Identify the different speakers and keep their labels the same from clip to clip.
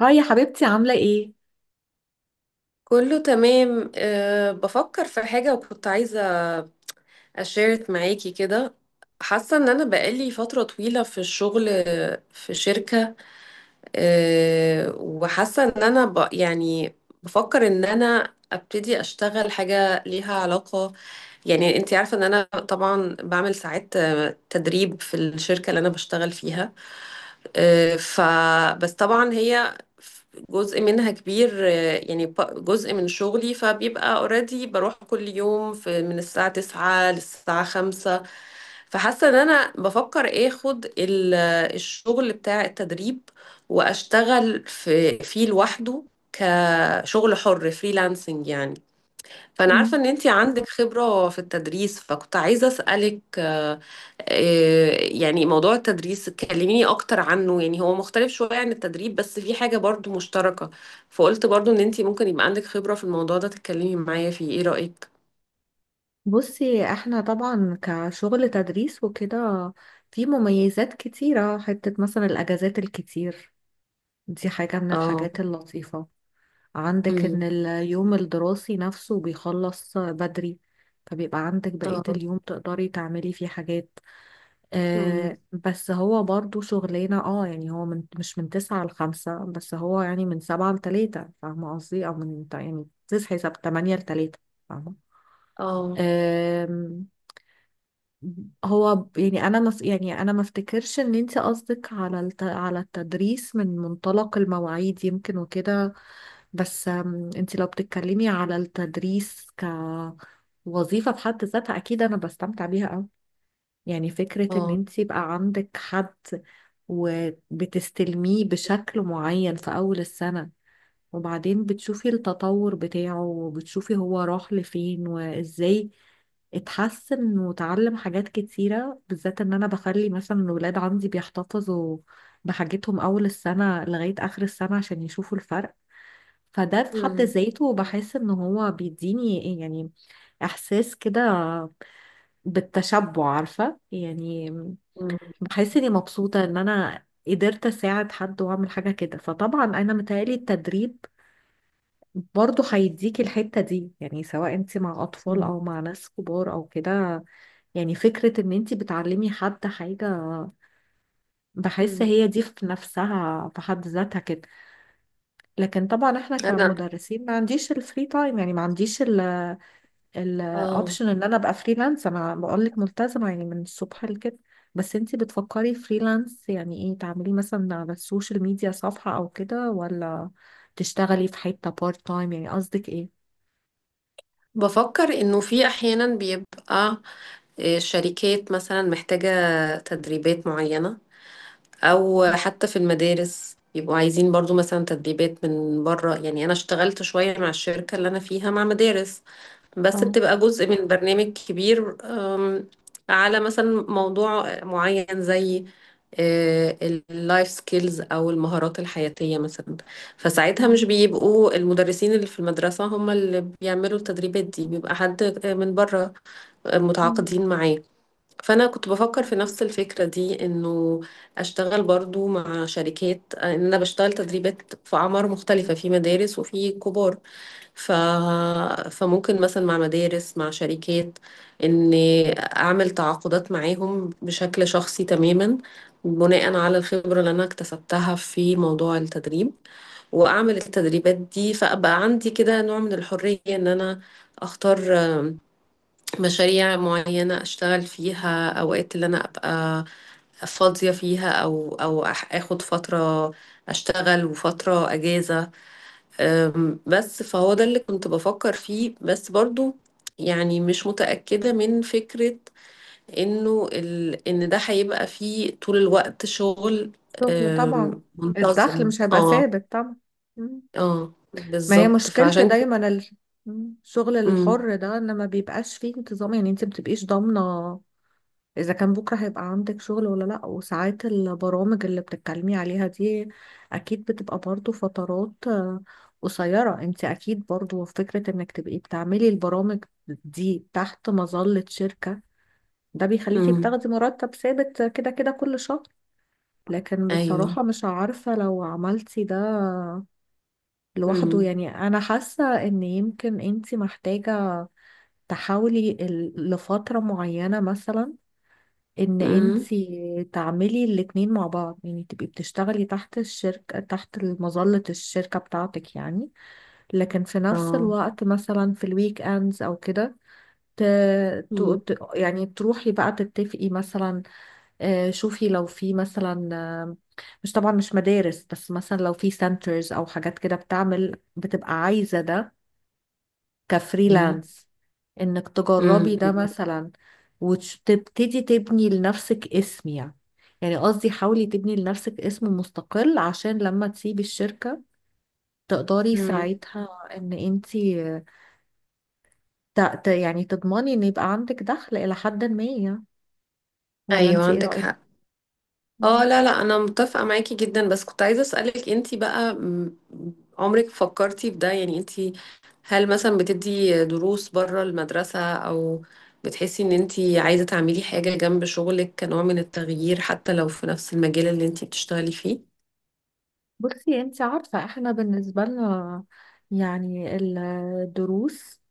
Speaker 1: هاي يا حبيبتي، عاملة ايه؟
Speaker 2: كله تمام، بفكر في حاجة وكنت عايزة أشارك معاكي كده. حاسة إن أنا بقالي فترة طويلة في الشغل، في شركة. وحاسة إن أنا ب يعني بفكر إن أنا أبتدي أشتغل حاجة ليها علاقة. يعني أنتي عارفة إن أنا طبعا بعمل ساعات تدريب في الشركة اللي أنا بشتغل فيها، آه، ف بس طبعا هي جزء منها كبير، يعني جزء من شغلي، فبيبقى اوريدي بروح كل يوم في من الساعة 9 للساعة 5. فحاسة ان انا بفكر اخد الشغل بتاع التدريب واشتغل فيه لوحده، كشغل حر فريلانسنج يعني. فأنا عارفة
Speaker 1: مم.
Speaker 2: إن أنتي عندك خبرة في التدريس، فكنت عايزة أسألك، يعني موضوع التدريس كلميني أكتر عنه. يعني هو مختلف شوية عن التدريب بس في حاجة برضو مشتركة، فقلت برضو إن أنتي ممكن يبقى عندك خبرة في الموضوع ده تتكلمي معايا فيه. إيه رأيك؟
Speaker 1: بصي، احنا طبعا كشغل تدريس وكده في مميزات كتيرة، حتة مثلا الأجازات الكتير دي حاجة من
Speaker 2: اه،
Speaker 1: الحاجات اللطيفة. عندك ان
Speaker 2: امم،
Speaker 1: اليوم الدراسي نفسه بيخلص بدري، فبيبقى عندك بقية
Speaker 2: اه،
Speaker 1: اليوم تقدري تعملي فيه حاجات.
Speaker 2: امم،
Speaker 1: بس هو برضو شغلانة، يعني هو من مش من تسعة لخمسة، بس هو يعني من سبعة لتلاتة، فاهمة قصدي؟ أو من يعني تصحي تمانية لتلاتة، فاهمة؟
Speaker 2: اه،
Speaker 1: أم، هو يعني انا مف يعني انا ما افتكرش ان انت قصدك على التدريس من منطلق المواعيد يمكن وكده. بس انت لو بتتكلمي على التدريس كوظيفة في حد ذاتها، اكيد انا بستمتع بيها قوي. يعني فكرة ان
Speaker 2: اه،
Speaker 1: انت يبقى عندك حد وبتستلميه بشكل معين في اول السنة، وبعدين بتشوفي التطور بتاعه وبتشوفي هو راح لفين وازاي اتحسن وتعلم حاجات كتيرة، بالذات ان انا بخلي مثلا الولاد عندي بيحتفظوا بحاجتهم اول السنة لغاية اخر السنة عشان يشوفوا الفرق. فده في حد
Speaker 2: امم،
Speaker 1: ذاته بحس ان هو بيديني يعني احساس كده بالتشبع، عارفة يعني.
Speaker 2: امم،
Speaker 1: بحس اني مبسوطة ان انا قدرت اساعد حد واعمل حاجة كده، فطبعا انا متهيألي التدريب برضه هيديكي الحتة دي، يعني سواء انت مع اطفال
Speaker 2: امم،
Speaker 1: او مع ناس كبار او كده. يعني فكرة ان انت بتعلمي حد حاجة، بحس
Speaker 2: أمم.
Speaker 1: هي دي في نفسها في حد ذاتها كده. لكن طبعا احنا
Speaker 2: أنا
Speaker 1: كمدرسين ما عنديش الفري تايم، يعني ما عنديش
Speaker 2: اه
Speaker 1: الاوبشن ان انا ابقى فريلانس، انا بقولك ملتزمة يعني من الصبح لكده. بس انت بتفكري فريلانس يعني ايه؟ تعملي مثلا على السوشيال ميديا صفحة او كده، ولا تشتغلي في حتة بارت تايم؟ يعني قصدك ايه؟
Speaker 2: بفكر انه في احيانا بيبقى، شركات مثلا محتاجة تدريبات معينة، او حتى في المدارس يبقوا عايزين برضو مثلا تدريبات من بره. يعني انا اشتغلت شوية مع الشركة اللي انا فيها مع مدارس، بس
Speaker 1: اه.
Speaker 2: بتبقى جزء من برنامج كبير، على مثلا موضوع معين زي اللايف سكيلز او المهارات الحياتية مثلا. فساعتها مش بيبقوا المدرسين اللي في المدرسة هم اللي بيعملوا التدريبات دي، بيبقى حد، من بره
Speaker 1: مم.
Speaker 2: متعاقدين معاه. فانا كنت بفكر
Speaker 1: مم.
Speaker 2: في نفس الفكره دي، انه اشتغل برضو مع شركات، ان انا بشتغل تدريبات في اعمار مختلفه، في مدارس وفي كبار. ف... فممكن مثلا مع مدارس مع شركات ان اعمل تعاقدات معاهم بشكل شخصي تماما، بناء على الخبره اللي انا اكتسبتها في موضوع التدريب، واعمل التدريبات دي، فابقى عندي كده نوع من الحريه ان انا اختار مشاريع معينة أشتغل فيها أوقات اللي أنا أبقى فاضية فيها، آخد فترة أشتغل وفترة أجازة. بس فهو ده اللي كنت بفكر فيه، بس برضو يعني مش متأكدة من فكرة إنه إن ده هيبقى فيه طول الوقت شغل،
Speaker 1: شغل طبعا، الدخل
Speaker 2: منتظم.
Speaker 1: مش هيبقى
Speaker 2: اه،
Speaker 1: ثابت طبعا. مم.
Speaker 2: اه
Speaker 1: ما هي
Speaker 2: بالظبط
Speaker 1: مشكلة
Speaker 2: فعشان كده.
Speaker 1: دايما مم. الشغل
Speaker 2: امم،
Speaker 1: الحر ده ان ما بيبقاش فيه انتظام، يعني انت ما بتبقيش ضامنة اذا كان بكرة هيبقى عندك شغل ولا لا. وساعات البرامج اللي بتتكلمي عليها دي اكيد بتبقى برضو فترات قصيرة. انت اكيد برضو فكرة انك تبقي بتعملي البرامج دي تحت مظلة شركة، ده بيخليكي
Speaker 2: امم،
Speaker 1: بتاخدي مرتب ثابت كده كده كل شهر. لكن
Speaker 2: ايوه،
Speaker 1: بصراحة مش عارفة لو عملتي ده لوحده
Speaker 2: امم،
Speaker 1: يعني، أنا حاسة إن يمكن أنتي محتاجة تحاولي لفترة معينة مثلا، إن
Speaker 2: امم،
Speaker 1: أنتي تعملي الاتنين مع بعض، يعني تبقي بتشتغلي تحت الشركة تحت مظلة الشركة بتاعتك يعني. لكن في نفس
Speaker 2: اه،
Speaker 1: الوقت مثلا في الويك أندز أو كده ت...
Speaker 2: مم.
Speaker 1: يعني تروحي بقى تتفقي مثلا، شوفي لو في مثلا، مش طبعا مش مدارس، بس مثلا لو في سنترز او حاجات كده بتعمل بتبقى عايزة ده
Speaker 2: مم.
Speaker 1: كفريلانس، انك تجربي
Speaker 2: مم.
Speaker 1: ده مثلا وتبتدي تبني لنفسك اسم. يعني قصدي حاولي تبني لنفسك اسم مستقل عشان لما تسيبي الشركة تقدري
Speaker 2: مم.
Speaker 1: ساعتها ان انتي يعني تضمني ان يبقى عندك دخل الى حد ما يعني. ولا
Speaker 2: ايوه
Speaker 1: انتي ايه
Speaker 2: عندك
Speaker 1: رأيك؟
Speaker 2: حق. اه، لا لا انا متفقه معاكي جدا، بس كنت عايزه اسالك انتي بقى، عمرك فكرتي في ده؟ يعني انتي هل مثلا بتدي دروس بره المدرسه، او بتحسي ان انتي عايزه تعملي حاجه جنب شغلك كنوع من التغيير حتى لو في نفس المجال اللي انتي بتشتغلي فيه؟
Speaker 1: بصي انت عارفة احنا بالنسبة لنا يعني الدروس،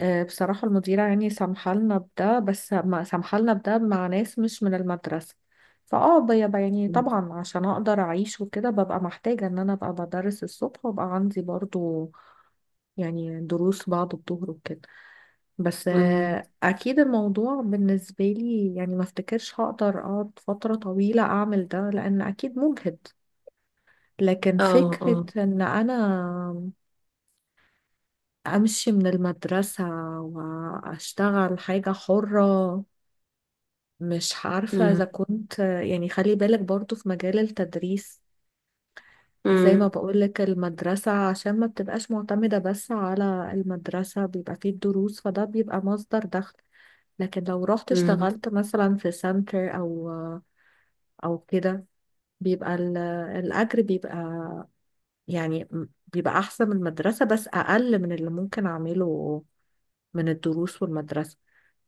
Speaker 1: بصراحة المديرة يعني سامحة لنا بده بس ما سامحة لنا بده مع ناس مش من المدرسة. بيبقى يعني طبعا عشان اقدر اعيش وكده ببقى محتاجة ان انا ابقى بدرس الصبح، وابقى عندي برضو يعني دروس بعد الظهر وكده. بس
Speaker 2: مم.
Speaker 1: اكيد الموضوع بالنسبة لي يعني ما افتكرش هقدر اقعد فترة طويلة اعمل ده لان اكيد مجهد. لكن
Speaker 2: اه،
Speaker 1: فكرة
Speaker 2: اه،
Speaker 1: إن أنا أمشي من المدرسة وأشتغل حاجة حرة، مش عارفة
Speaker 2: مم.
Speaker 1: إذا كنت يعني. خلي بالك برضو في مجال التدريس زي ما
Speaker 2: مم.
Speaker 1: بقولك، المدرسة عشان ما بتبقاش معتمدة بس على المدرسة بيبقى فيه الدروس، فده بيبقى مصدر دخل. لكن لو رحت
Speaker 2: مم.
Speaker 1: اشتغلت مثلا في سنتر أو كده، بيبقى الأجر بيبقى يعني بيبقى احسن من المدرسة بس اقل من اللي ممكن اعمله من الدروس والمدرسة.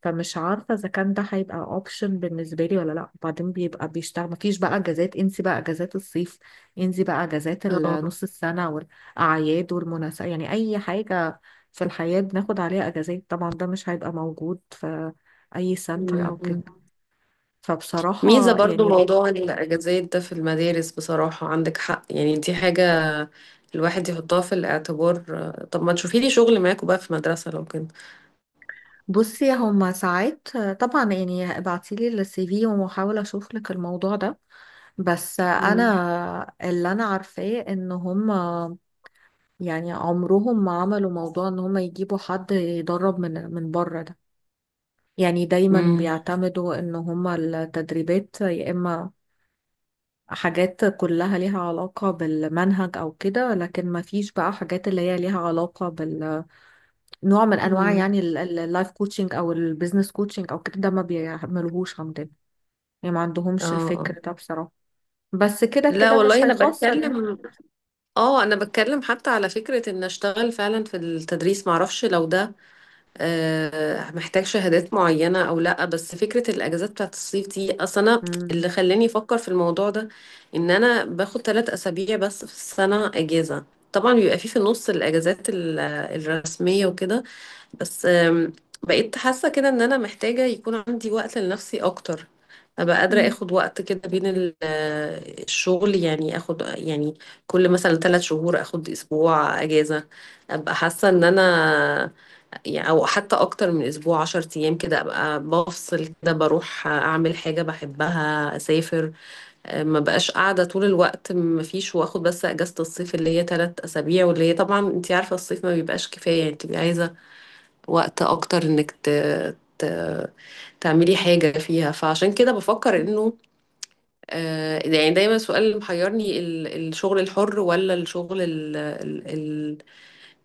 Speaker 1: فمش عارفة اذا كان ده هيبقى اوبشن بالنسبة لي ولا لا. وبعدين بيبقى بيشتغل مفيش بقى اجازات، انسي بقى اجازات الصيف، انسي بقى اجازات
Speaker 2: اه،
Speaker 1: نص السنة والاعياد والمناسبة، يعني اي حاجة في الحياة بناخد عليها اجازات طبعا ده مش هيبقى موجود في اي سنتر او
Speaker 2: مم.
Speaker 1: كده.
Speaker 2: مم. ميزة
Speaker 1: فبصراحة
Speaker 2: برضو
Speaker 1: يعني،
Speaker 2: موضوع الأجازات ده في المدارس، بصراحة عندك حق، يعني دي حاجة الواحد يحطها في الاعتبار. طب ما تشوفي لي شغل معاكوا بقى في مدرسة لو كده.
Speaker 1: بصي هما ساعات طبعا، يعني ابعتيلي السي في وهحاول اشوف لك الموضوع ده. بس
Speaker 2: مم.
Speaker 1: انا اللي انا عارفاه ان هما يعني عمرهم ما عملوا موضوع ان هما يجيبوا حد يدرب من بره ده، يعني دايما
Speaker 2: امم.
Speaker 1: بيعتمدوا ان هما التدريبات يا اما حاجات كلها ليها علاقة بالمنهج او كده، لكن ما فيش بقى حاجات اللي هي ليها علاقة بال نوع من انواع
Speaker 2: مم.
Speaker 1: يعني اللايف كوتشنج او البيزنس كوتشنج او كده، ده ما بيعملوهوش عندنا. يعني ما
Speaker 2: اه،
Speaker 1: عندهمش
Speaker 2: آه.
Speaker 1: الفكر ده بصراحة، بس كده
Speaker 2: لا
Speaker 1: كده مش
Speaker 2: والله انا
Speaker 1: هيخسر يعني.
Speaker 2: بتكلم، اه انا بتكلم حتى على فكرة ان اشتغل فعلا في التدريس، معرفش لو ده محتاج شهادات معينة أو لأ. بس فكرة الأجازات بتاعت الصيف دي أصلا أنا
Speaker 1: مم.
Speaker 2: اللي خلاني أفكر في الموضوع ده. إن أنا باخد 3 أسابيع بس في السنة أجازة، طبعا بيبقى في في النص الأجازات الرسمية وكده، بس بقيت حاسة كده إن أنا محتاجة يكون عندي وقت لنفسي أكتر. أبقى قادرة
Speaker 1: مم.
Speaker 2: آخد وقت كده بين الشغل، يعني آخد يعني كل مثلا 3 شهور آخد أسبوع أجازة. أبقى حاسة إن أنا يعني، او حتى اكتر من اسبوع، 10 ايام كده، ابقى بفصل كده بروح اعمل حاجة بحبها، اسافر، ما بقاش قاعدة طول الوقت. ما فيش، واخد بس اجازة الصيف اللي هي 3 اسابيع، واللي هي طبعا انت عارفة الصيف ما بيبقاش كفاية، يعني بتبقي عايزة وقت اكتر انك ت... تعملي حاجة فيها. فعشان كده بفكر انه، يعني دايما السؤال اللي محيرني الشغل الحر ولا الشغل ال-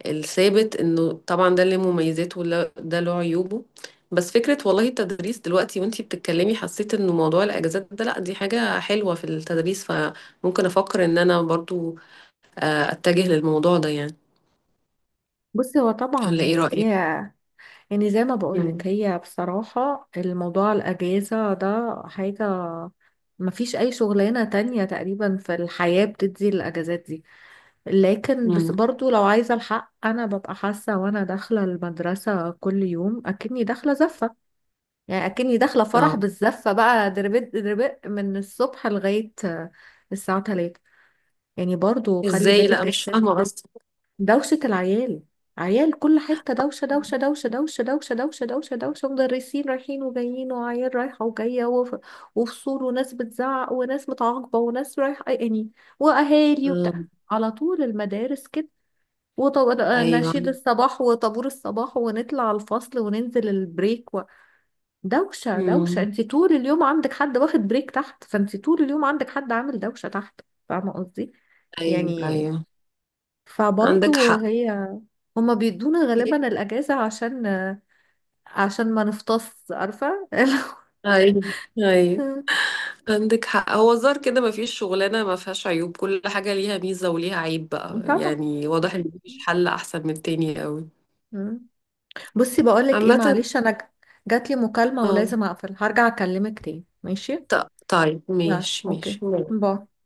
Speaker 2: الثابت. انه طبعا ده اللي مميزاته ولا ده له عيوبه. بس فكرة والله التدريس دلوقتي وانتي بتتكلمي، حسيت انه موضوع الاجازات ده، لا دي حاجة حلوة في التدريس، فممكن افكر ان انا برضو اتجه للموضوع ده يعني.
Speaker 1: بصي هو طبعا
Speaker 2: ولا ايه
Speaker 1: هي دي،
Speaker 2: رأيك؟
Speaker 1: يعني زي ما
Speaker 2: مم.
Speaker 1: بقولك هي بصراحة الموضوع الأجازة ده حاجة مفيش أي شغلانة تانية تقريبا في الحياة بتدي الأجازات دي. لكن بس
Speaker 2: مم.
Speaker 1: برضو لو عايزة الحق، أنا ببقى حاسة وأنا داخلة المدرسة كل يوم أكني داخلة زفة، يعني اكني داخله فرح
Speaker 2: اه
Speaker 1: بالزفه بقى. دربت دربت من الصبح لغايه الساعه 3. يعني برضو خلي
Speaker 2: ازاي؟ لا
Speaker 1: بالك
Speaker 2: مش
Speaker 1: الست
Speaker 2: فاهمة قصدي.
Speaker 1: دوشه العيال. عيال كل حته دوشه دوشه دوشه دوشه دوشه دوشه دوشه دوشه، مدرسين رايحين وجايين وعيال رايحه وجايه وفصول وناس بتزعق وناس متعاقبه وناس رايحه يعني، واهالي
Speaker 2: آه،
Speaker 1: وبتاع على طول المدارس كده. ونشيد
Speaker 2: ايوه.
Speaker 1: الصباح وطابور الصباح ونطلع الفصل وننزل البريك، دوشة دوشة.
Speaker 2: مم.
Speaker 1: انت طول اليوم عندك حد واخد بريك تحت، فانت طول اليوم عندك حد عامل دوشة تحت. فاهمة قصدي؟
Speaker 2: ايوه
Speaker 1: يعني
Speaker 2: ايوه عندك
Speaker 1: فبرضو
Speaker 2: حق.
Speaker 1: هي هما بيدونا غالبا الأجازة عشان ما نفطس، عارفة
Speaker 2: ايوه ايوه عندك حق. هو الظاهر كده ما فيش شغلانة ما فيهاش عيوب، كل حاجة ليها ميزة وليها عيب بقى.
Speaker 1: طبعا.
Speaker 2: يعني واضح ان مفيش حل احسن من التاني قوي.
Speaker 1: مم. بصي بقولك ايه،
Speaker 2: عامة،
Speaker 1: معلش انا جاتلي مكالمة
Speaker 2: اه.
Speaker 1: ولازم اقفل، هرجع اكلمك تاني، ماشي؟
Speaker 2: طيب
Speaker 1: يلا،
Speaker 2: ماشي
Speaker 1: اوكي،
Speaker 2: ماشي.
Speaker 1: باي.